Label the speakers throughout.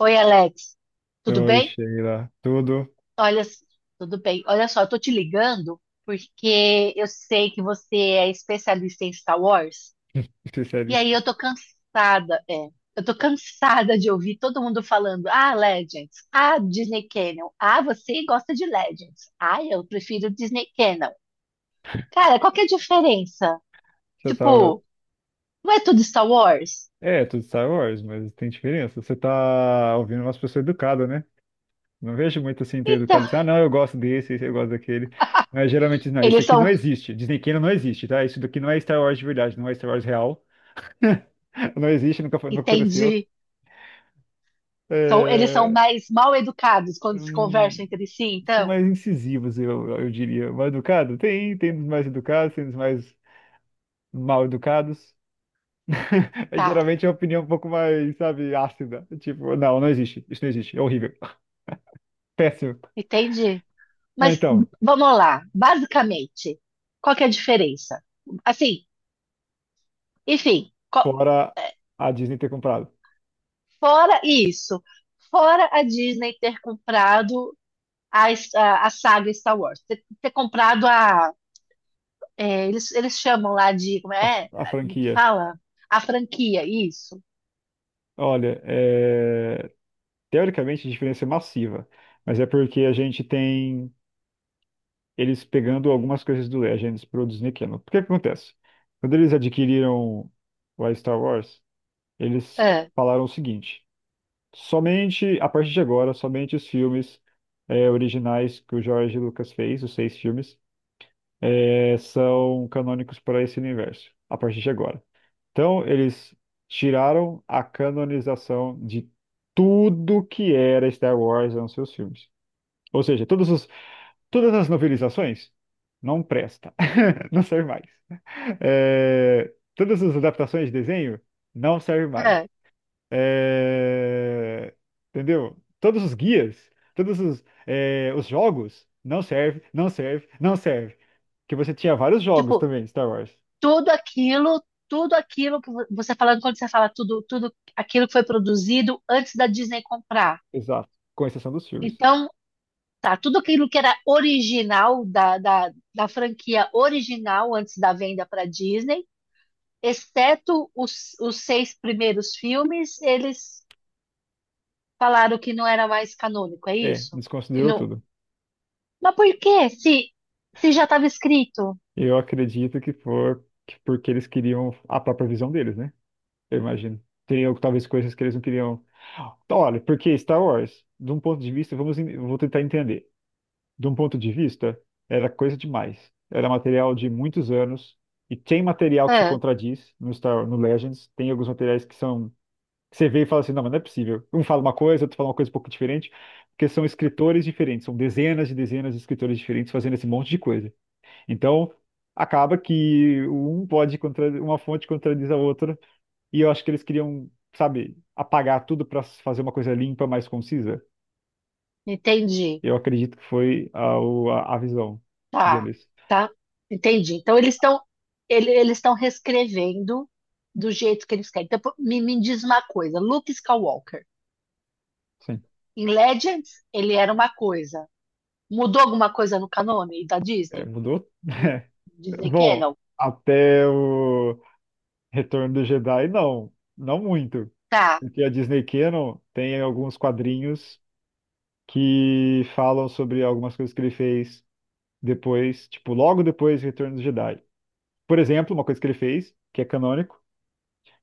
Speaker 1: Oi, Alex, tudo
Speaker 2: Oi,
Speaker 1: bem?
Speaker 2: Sheila. Tudo?
Speaker 1: Olha, tudo bem. Olha só, eu tô te ligando porque eu sei que você é especialista em Star Wars. E aí
Speaker 2: Especialista.
Speaker 1: eu tô cansada, é. Eu tô cansada de ouvir todo mundo falando: "Ah, Legends. Ah, Disney Canon. Ah, você gosta de Legends. Ah, eu prefiro Disney Canon." Cara, qual que é a diferença?
Speaker 2: Você tava.
Speaker 1: Tipo, não é tudo Star Wars?
Speaker 2: É, tudo Star Wars, mas tem diferença. Você tá ouvindo umas pessoas educadas, né? Não vejo muito assim ter
Speaker 1: Então,
Speaker 2: educado assim, ah, não, eu gosto desse, esse eu gosto daquele. Mas geralmente, não, esse
Speaker 1: eles
Speaker 2: aqui não
Speaker 1: são,
Speaker 2: existe. Disney Canon não existe, tá? Isso daqui não é Star Wars de verdade, não é Star Wars real. Não existe, nunca foi, nunca aconteceu.
Speaker 1: entendi. São, eles são
Speaker 2: É...
Speaker 1: mais mal educados quando se conversam
Speaker 2: hum,
Speaker 1: entre si,
Speaker 2: são
Speaker 1: então.
Speaker 2: mais incisivos, eu diria. Mais educado? Tem dos mais educados, tem dos mais mal educados. É,
Speaker 1: Tá,
Speaker 2: geralmente é uma opinião um pouco mais, sabe, ácida. Tipo, não, não existe. Isso não existe. É horrível. Péssimo.
Speaker 1: entendi.
Speaker 2: Mas
Speaker 1: Mas
Speaker 2: então,
Speaker 1: vamos lá, basicamente, qual que é a diferença? Assim, enfim,
Speaker 2: fora
Speaker 1: é,
Speaker 2: a Disney ter comprado
Speaker 1: fora isso, fora a Disney ter comprado a saga Star Wars, ter comprado eles chamam lá de, como
Speaker 2: a,
Speaker 1: é,
Speaker 2: a
Speaker 1: como que
Speaker 2: franquia.
Speaker 1: fala? A franquia, isso.
Speaker 2: Olha, é, teoricamente a diferença é massiva. Mas é porque a gente tem eles pegando algumas coisas do Legends pro Disney Channel. Porque que acontece? Quando eles adquiriram o Star Wars, eles
Speaker 1: É,
Speaker 2: falaram o seguinte. Somente, a partir de agora, somente os filmes originais que o George Lucas fez, os seis filmes, é, são canônicos para esse universo, a partir de agora. Então, eles tiraram a canonização de tudo que era Star Wars nos seus filmes. Ou seja, todas as novelizações não presta, não serve mais. É, todas as adaptações de desenho não serve mais.
Speaker 1: é.
Speaker 2: É, entendeu? Todos os guias, os jogos, não serve, não serve, não serve. Porque você tinha vários jogos
Speaker 1: Tipo,
Speaker 2: também, Star Wars.
Speaker 1: tudo aquilo, tudo aquilo que você falando, quando você fala tudo, tudo aquilo que foi produzido antes da Disney comprar.
Speaker 2: Exato. Com exceção dos filmes.
Speaker 1: Então, tá, tudo aquilo que era original da franquia original antes da venda para Disney, exceto os seis primeiros filmes, eles falaram que não era mais canônico, é
Speaker 2: É,
Speaker 1: isso? Que
Speaker 2: desconsiderou
Speaker 1: não...
Speaker 2: tudo.
Speaker 1: Mas por quê? Se já estava escrito.
Speaker 2: Eu acredito que porque eles queriam a própria visão deles, né? Eu imagino. Teriam talvez coisas que eles não queriam. Olha, porque Star Wars, de um ponto de vista, eu vou tentar entender. De um ponto de vista, era coisa demais. Era material de muitos anos e tem material que se
Speaker 1: Ah,
Speaker 2: contradiz no Legends. Tem alguns materiais que são que você vê e fala assim, não, mas não é possível. Um fala uma coisa, outro fala uma coisa um pouco diferente, porque são escritores diferentes, são dezenas e dezenas de escritores diferentes fazendo esse monte de coisa. Então, acaba que uma fonte contradiz a outra, e eu acho que eles queriam, sabe, apagar tudo para fazer uma coisa limpa, mais concisa.
Speaker 1: entendi.
Speaker 2: Eu acredito que foi a, o- a a visão
Speaker 1: Tá,
Speaker 2: deles.
Speaker 1: tá. Entendi. Então eles estão eles estão reescrevendo do jeito que eles querem. Então, pô, me diz uma coisa, Luke Skywalker.
Speaker 2: Sim,
Speaker 1: Em Legends, ele era uma coisa. Mudou alguma coisa no canone da
Speaker 2: é,
Speaker 1: Disney?
Speaker 2: mudou.
Speaker 1: Do Disney
Speaker 2: Bom,
Speaker 1: Channel?
Speaker 2: até o Retorno do Jedi, não, não muito.
Speaker 1: Tá.
Speaker 2: Porque a Disney Canon tem alguns quadrinhos que falam sobre algumas coisas que ele fez depois, tipo, logo depois do Retorno do Jedi. Por exemplo, uma coisa que ele fez, que é canônico,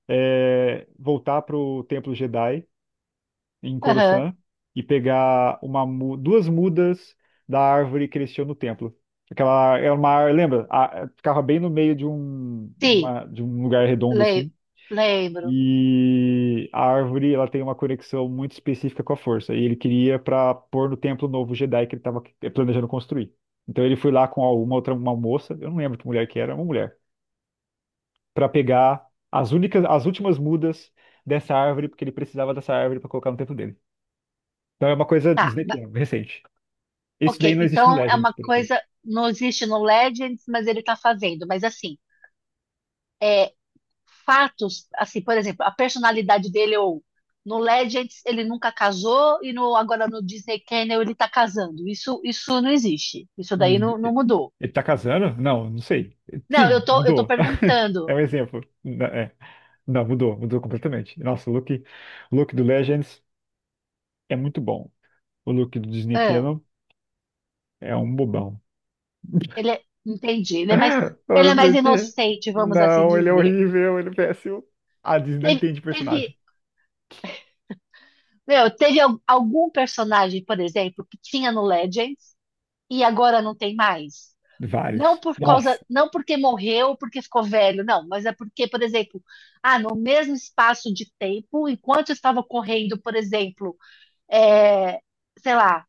Speaker 2: é voltar pro Templo Jedi em
Speaker 1: Aham.
Speaker 2: Coruscant e pegar duas mudas da árvore que eles tinham no templo. Aquela é uma. Lembra? Ficava bem no meio
Speaker 1: Sim.
Speaker 2: de um lugar redondo
Speaker 1: Le-
Speaker 2: assim.
Speaker 1: lembro.
Speaker 2: E a árvore, ela tem uma conexão muito específica com a força. E ele queria para pôr no templo novo Jedi que ele estava planejando construir. Então ele foi lá com uma moça, eu não lembro que mulher que era, uma mulher, para pegar as últimas mudas dessa árvore, porque ele precisava dessa árvore para colocar no templo dele. Então é uma coisa
Speaker 1: Tá. ma-
Speaker 2: Disneyiana, recente. Esse daí
Speaker 1: Ok.
Speaker 2: não existe no
Speaker 1: Então é
Speaker 2: Legends,
Speaker 1: uma
Speaker 2: por exemplo.
Speaker 1: coisa. Não existe no Legends, mas ele tá fazendo. Mas assim, é, fatos, assim, por exemplo, a personalidade dele ou no Legends ele nunca casou e no, agora no Disney Channel ele tá casando. Isso não existe. Isso
Speaker 2: No
Speaker 1: daí
Speaker 2: Dis-
Speaker 1: não, não mudou.
Speaker 2: Ele tá casando? Não, não sei.
Speaker 1: Não,
Speaker 2: Sim,
Speaker 1: eu tô
Speaker 2: mudou. É
Speaker 1: perguntando.
Speaker 2: um exemplo. É. Não, mudou, mudou completamente. Nossa, o look do Legends é muito bom. O look do Disney Canon é um bobão.
Speaker 1: Ele é, entendi, ele
Speaker 2: Olha
Speaker 1: é mais
Speaker 2: por quê.
Speaker 1: inocente, vamos assim
Speaker 2: Não, ele é
Speaker 1: dizer.
Speaker 2: horrível, ele é péssimo. A Disney não
Speaker 1: Teve,
Speaker 2: entende
Speaker 1: teve,
Speaker 2: personagem.
Speaker 1: meu, teve algum personagem, por exemplo, que tinha no Legends e agora não tem mais. Não
Speaker 2: Vários.
Speaker 1: por causa,
Speaker 2: Nossa,
Speaker 1: não porque morreu, porque ficou velho, não, mas é porque, por exemplo, ah, no mesmo espaço de tempo, enquanto estava correndo, por exemplo, é, sei lá,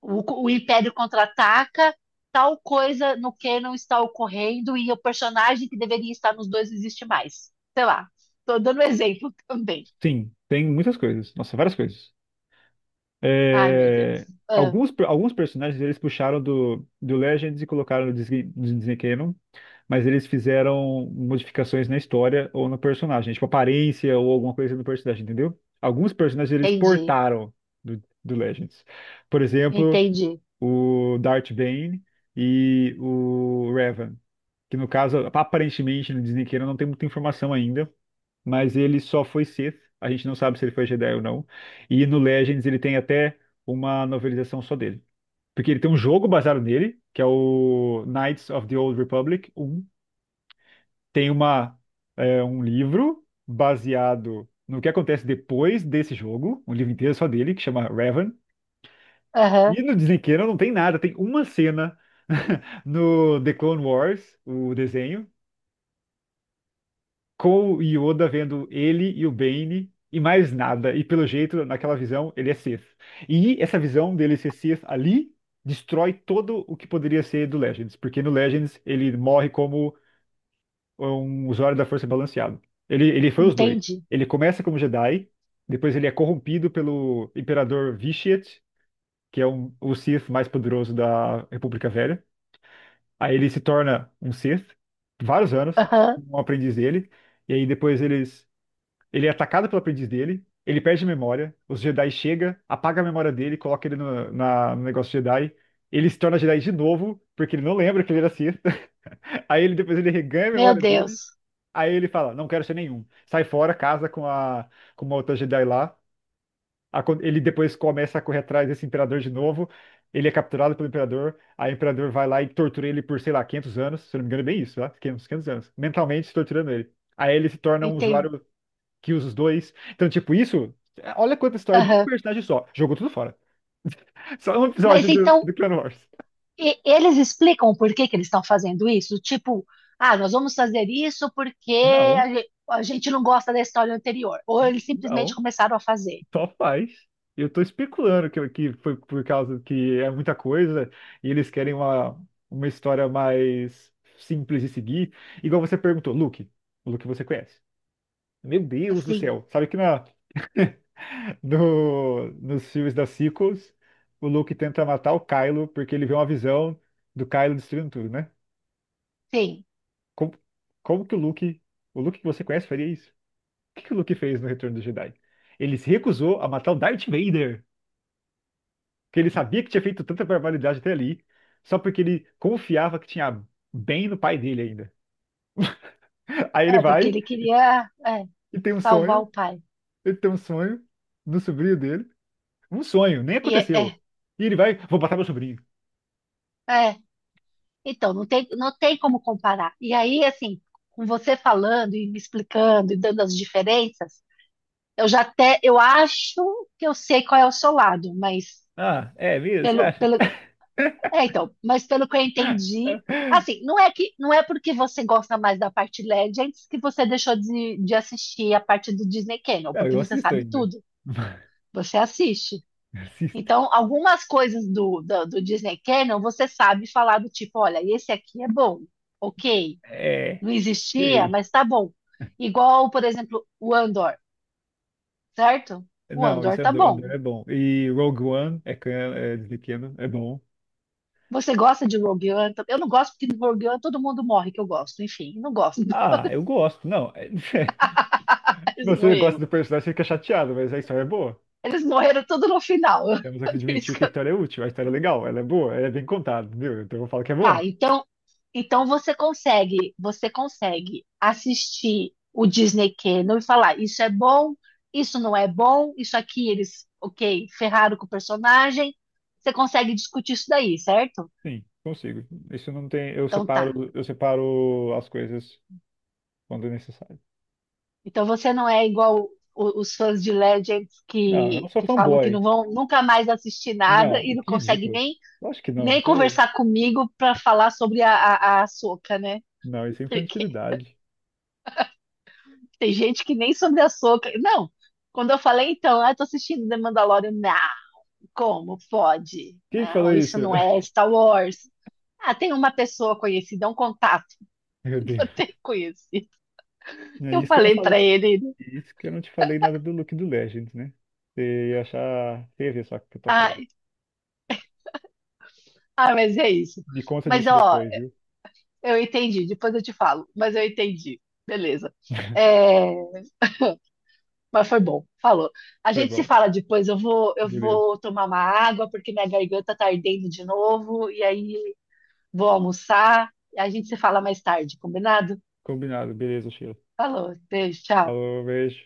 Speaker 1: o Império contra-ataca, tal coisa no canon está ocorrendo e o personagem que deveria estar nos dois não existe mais. Sei lá, tô dando um exemplo também.
Speaker 2: sim, tem muitas coisas. Nossa, várias coisas.
Speaker 1: Ai, meu
Speaker 2: É,
Speaker 1: Deus. Ah,
Speaker 2: alguns personagens eles puxaram do Legends e colocaram no Disney Canon, mas eles fizeram modificações na história ou no personagem, tipo aparência ou alguma coisa no personagem, entendeu? Alguns personagens eles
Speaker 1: entendi,
Speaker 2: portaram do Legends. Por exemplo,
Speaker 1: entendi.
Speaker 2: o Darth Bane e o Revan, que no caso, aparentemente no Disney Canon não tem muita informação ainda, mas ele só foi Sith. A gente não sabe se ele foi Jedi ou não. E no Legends ele tem até uma novelização só dele. Porque ele tem um jogo baseado nele, que é o Knights of the Old Republic Um. Tem uma, é, um livro baseado no que acontece depois desse jogo, um livro inteiro só dele, que chama Revan. E
Speaker 1: Aham,
Speaker 2: no Disney Channel não tem nada, tem uma cena no The Clone Wars, o desenho, com o Yoda vendo ele e o Bane e mais nada. E pelo jeito, naquela visão, ele é Sith. E essa visão dele ser Sith ali destrói todo o que poderia ser do Legends, porque no Legends ele morre como um usuário da força balanceado. Ele foi os dois.
Speaker 1: entendi.
Speaker 2: Ele começa como Jedi, depois ele é corrompido pelo Imperador Vitiate, que é o Sith mais poderoso da República Velha. Aí ele se torna um Sith, vários anos,
Speaker 1: Aham,
Speaker 2: um aprendiz dele. E aí depois ele é atacado pelo aprendiz dele, ele perde a memória, os Jedi chega, apaga a memória dele, coloca ele no negócio Jedi, ele se torna Jedi de novo, porque ele não lembra que ele era Sith. Aí ele reganha a
Speaker 1: meu
Speaker 2: memória dele,
Speaker 1: Deus,
Speaker 2: aí ele fala, não quero ser nenhum. Sai fora, casa com uma outra Jedi lá. Ele depois começa a correr atrás desse imperador de novo. Ele é capturado pelo imperador. Aí o imperador vai lá e tortura ele por, sei lá, 500 anos. Se eu não me engano, é bem isso, tá? 500 500 anos. Mentalmente torturando ele. Aí ele se torna um
Speaker 1: entendi.
Speaker 2: usuário que os dois. Então, tipo, isso. Olha quanta história de um
Speaker 1: Aham.
Speaker 2: personagem só. Jogou tudo fora. Só um episódio
Speaker 1: Mas então,
Speaker 2: do Clone Wars.
Speaker 1: eles explicam por que que eles estão fazendo isso? Tipo, ah, nós vamos fazer isso porque
Speaker 2: Não,
Speaker 1: a gente não gosta da história anterior. Ou eles simplesmente
Speaker 2: não.
Speaker 1: começaram a fazer.
Speaker 2: Só faz. Eu tô especulando que foi por causa que é muita coisa e eles querem uma história mais simples de seguir. Igual você perguntou, Luke. O Luke você conhece. Meu Deus do
Speaker 1: Assim,
Speaker 2: céu. Sabe que no, nos filmes da sequels, o Luke tenta matar o Kylo porque ele vê uma visão do Kylo destruindo tudo, né?
Speaker 1: sim.
Speaker 2: Como, como que o Luke, o Luke que você conhece, faria isso? O que que o Luke fez no Retorno do Jedi? Ele se recusou a matar o Darth Vader, que ele sabia que tinha feito tanta barbaridade até ali, só porque ele confiava que tinha bem no pai dele ainda. Aí ele
Speaker 1: É, porque
Speaker 2: vai
Speaker 1: ele queria, é,
Speaker 2: e tem um
Speaker 1: salvar
Speaker 2: sonho,
Speaker 1: o pai.
Speaker 2: ele tem um sonho no sobrinho dele, um sonho, nem
Speaker 1: E é, é,
Speaker 2: aconteceu. E ele vai, vou matar meu sobrinho.
Speaker 1: é. Então, não tem, não tem como comparar. E aí, assim, com você falando e me explicando e dando as diferenças, eu já até, eu acho que eu sei qual é o seu lado, mas
Speaker 2: Ah, é mesmo? Você
Speaker 1: pelo,
Speaker 2: acha?
Speaker 1: pelo, é, então, mas pelo que eu entendi, assim, não é que, não é porque você gosta mais da parte Legends que você deixou de assistir a parte do Disney Channel,
Speaker 2: Não,
Speaker 1: porque
Speaker 2: eu
Speaker 1: você
Speaker 2: assisto
Speaker 1: sabe
Speaker 2: ainda.
Speaker 1: tudo, você assiste.
Speaker 2: Assisto.
Speaker 1: Então, algumas coisas do Disney Canon você sabe falar do tipo, olha, esse aqui é bom, ok,
Speaker 2: É,
Speaker 1: não existia,
Speaker 2: é
Speaker 1: mas tá bom. Igual, por exemplo, o Andor, certo? O
Speaker 2: Não,
Speaker 1: Andor
Speaker 2: isso é
Speaker 1: tá
Speaker 2: Andor,
Speaker 1: bom.
Speaker 2: Andor é bom. E Rogue One é, é de pequeno, é bom.
Speaker 1: Você gosta de Rogue One? Eu não gosto porque no Rogue One todo mundo morre que eu gosto. Enfim, não gosto.
Speaker 2: Ah, eu gosto. Não, é-
Speaker 1: Eles
Speaker 2: você gosta
Speaker 1: morreram.
Speaker 2: do personagem, fica chateado, mas a história é boa.
Speaker 1: Eles morreram tudo no final.
Speaker 2: Temos
Speaker 1: Por
Speaker 2: que
Speaker 1: isso
Speaker 2: admitir
Speaker 1: que
Speaker 2: que a história é útil, a história é legal, ela é boa, ela é bem contada, entendeu? Então eu falo que é
Speaker 1: tá,
Speaker 2: bom.
Speaker 1: então, então você consegue assistir o Disney Channel e falar, isso é bom, isso não é bom, isso aqui eles, ok, ferraram com o personagem. Você consegue discutir isso daí, certo?
Speaker 2: Sim, consigo. Isso não tem,
Speaker 1: Então tá.
Speaker 2: eu separo as coisas quando necessário.
Speaker 1: Então você não é igual os fãs de Legends
Speaker 2: Não, eu não sou
Speaker 1: que falam que
Speaker 2: fanboy.
Speaker 1: não vão nunca mais assistir nada
Speaker 2: Não,
Speaker 1: e não
Speaker 2: que
Speaker 1: consegue
Speaker 2: ridículo.
Speaker 1: nem,
Speaker 2: Eu acho que não.
Speaker 1: nem
Speaker 2: Você,
Speaker 1: conversar comigo para falar sobre a Ahsoka, né?
Speaker 2: não, isso é infantilidade.
Speaker 1: Tem gente que nem sobre açúcar. Não, quando eu falei, então, ah, eu tô assistindo The Mandalorian, não, como pode?
Speaker 2: Quem que falou
Speaker 1: Não, isso
Speaker 2: isso?
Speaker 1: não é Star Wars. Ah, tem uma pessoa conhecida, é um contato
Speaker 2: Meu
Speaker 1: que
Speaker 2: Deus.
Speaker 1: eu tenho conhecido.
Speaker 2: É
Speaker 1: Eu
Speaker 2: isso que eu não
Speaker 1: falei
Speaker 2: falei.
Speaker 1: pra ele,
Speaker 2: E isso que eu não te falei nada do look do Legends, né? Você ia achar. Você ia ver só o que eu tô
Speaker 1: ah,
Speaker 2: falando.
Speaker 1: ah, mas é isso.
Speaker 2: Me conta
Speaker 1: Mas,
Speaker 2: disso
Speaker 1: ó,
Speaker 2: depois, viu?
Speaker 1: eu entendi, depois eu te falo, mas eu entendi. Beleza. É, mas foi bom, falou. A
Speaker 2: Foi
Speaker 1: gente se
Speaker 2: bom.
Speaker 1: fala depois, eu
Speaker 2: Beleza.
Speaker 1: vou tomar uma água, porque minha garganta tá ardendo de novo, e aí vou almoçar, a gente se fala mais tarde, combinado?
Speaker 2: Combinado. Beleza, Sheila.
Speaker 1: Falou, beijo, tchau.
Speaker 2: Falou, beijo.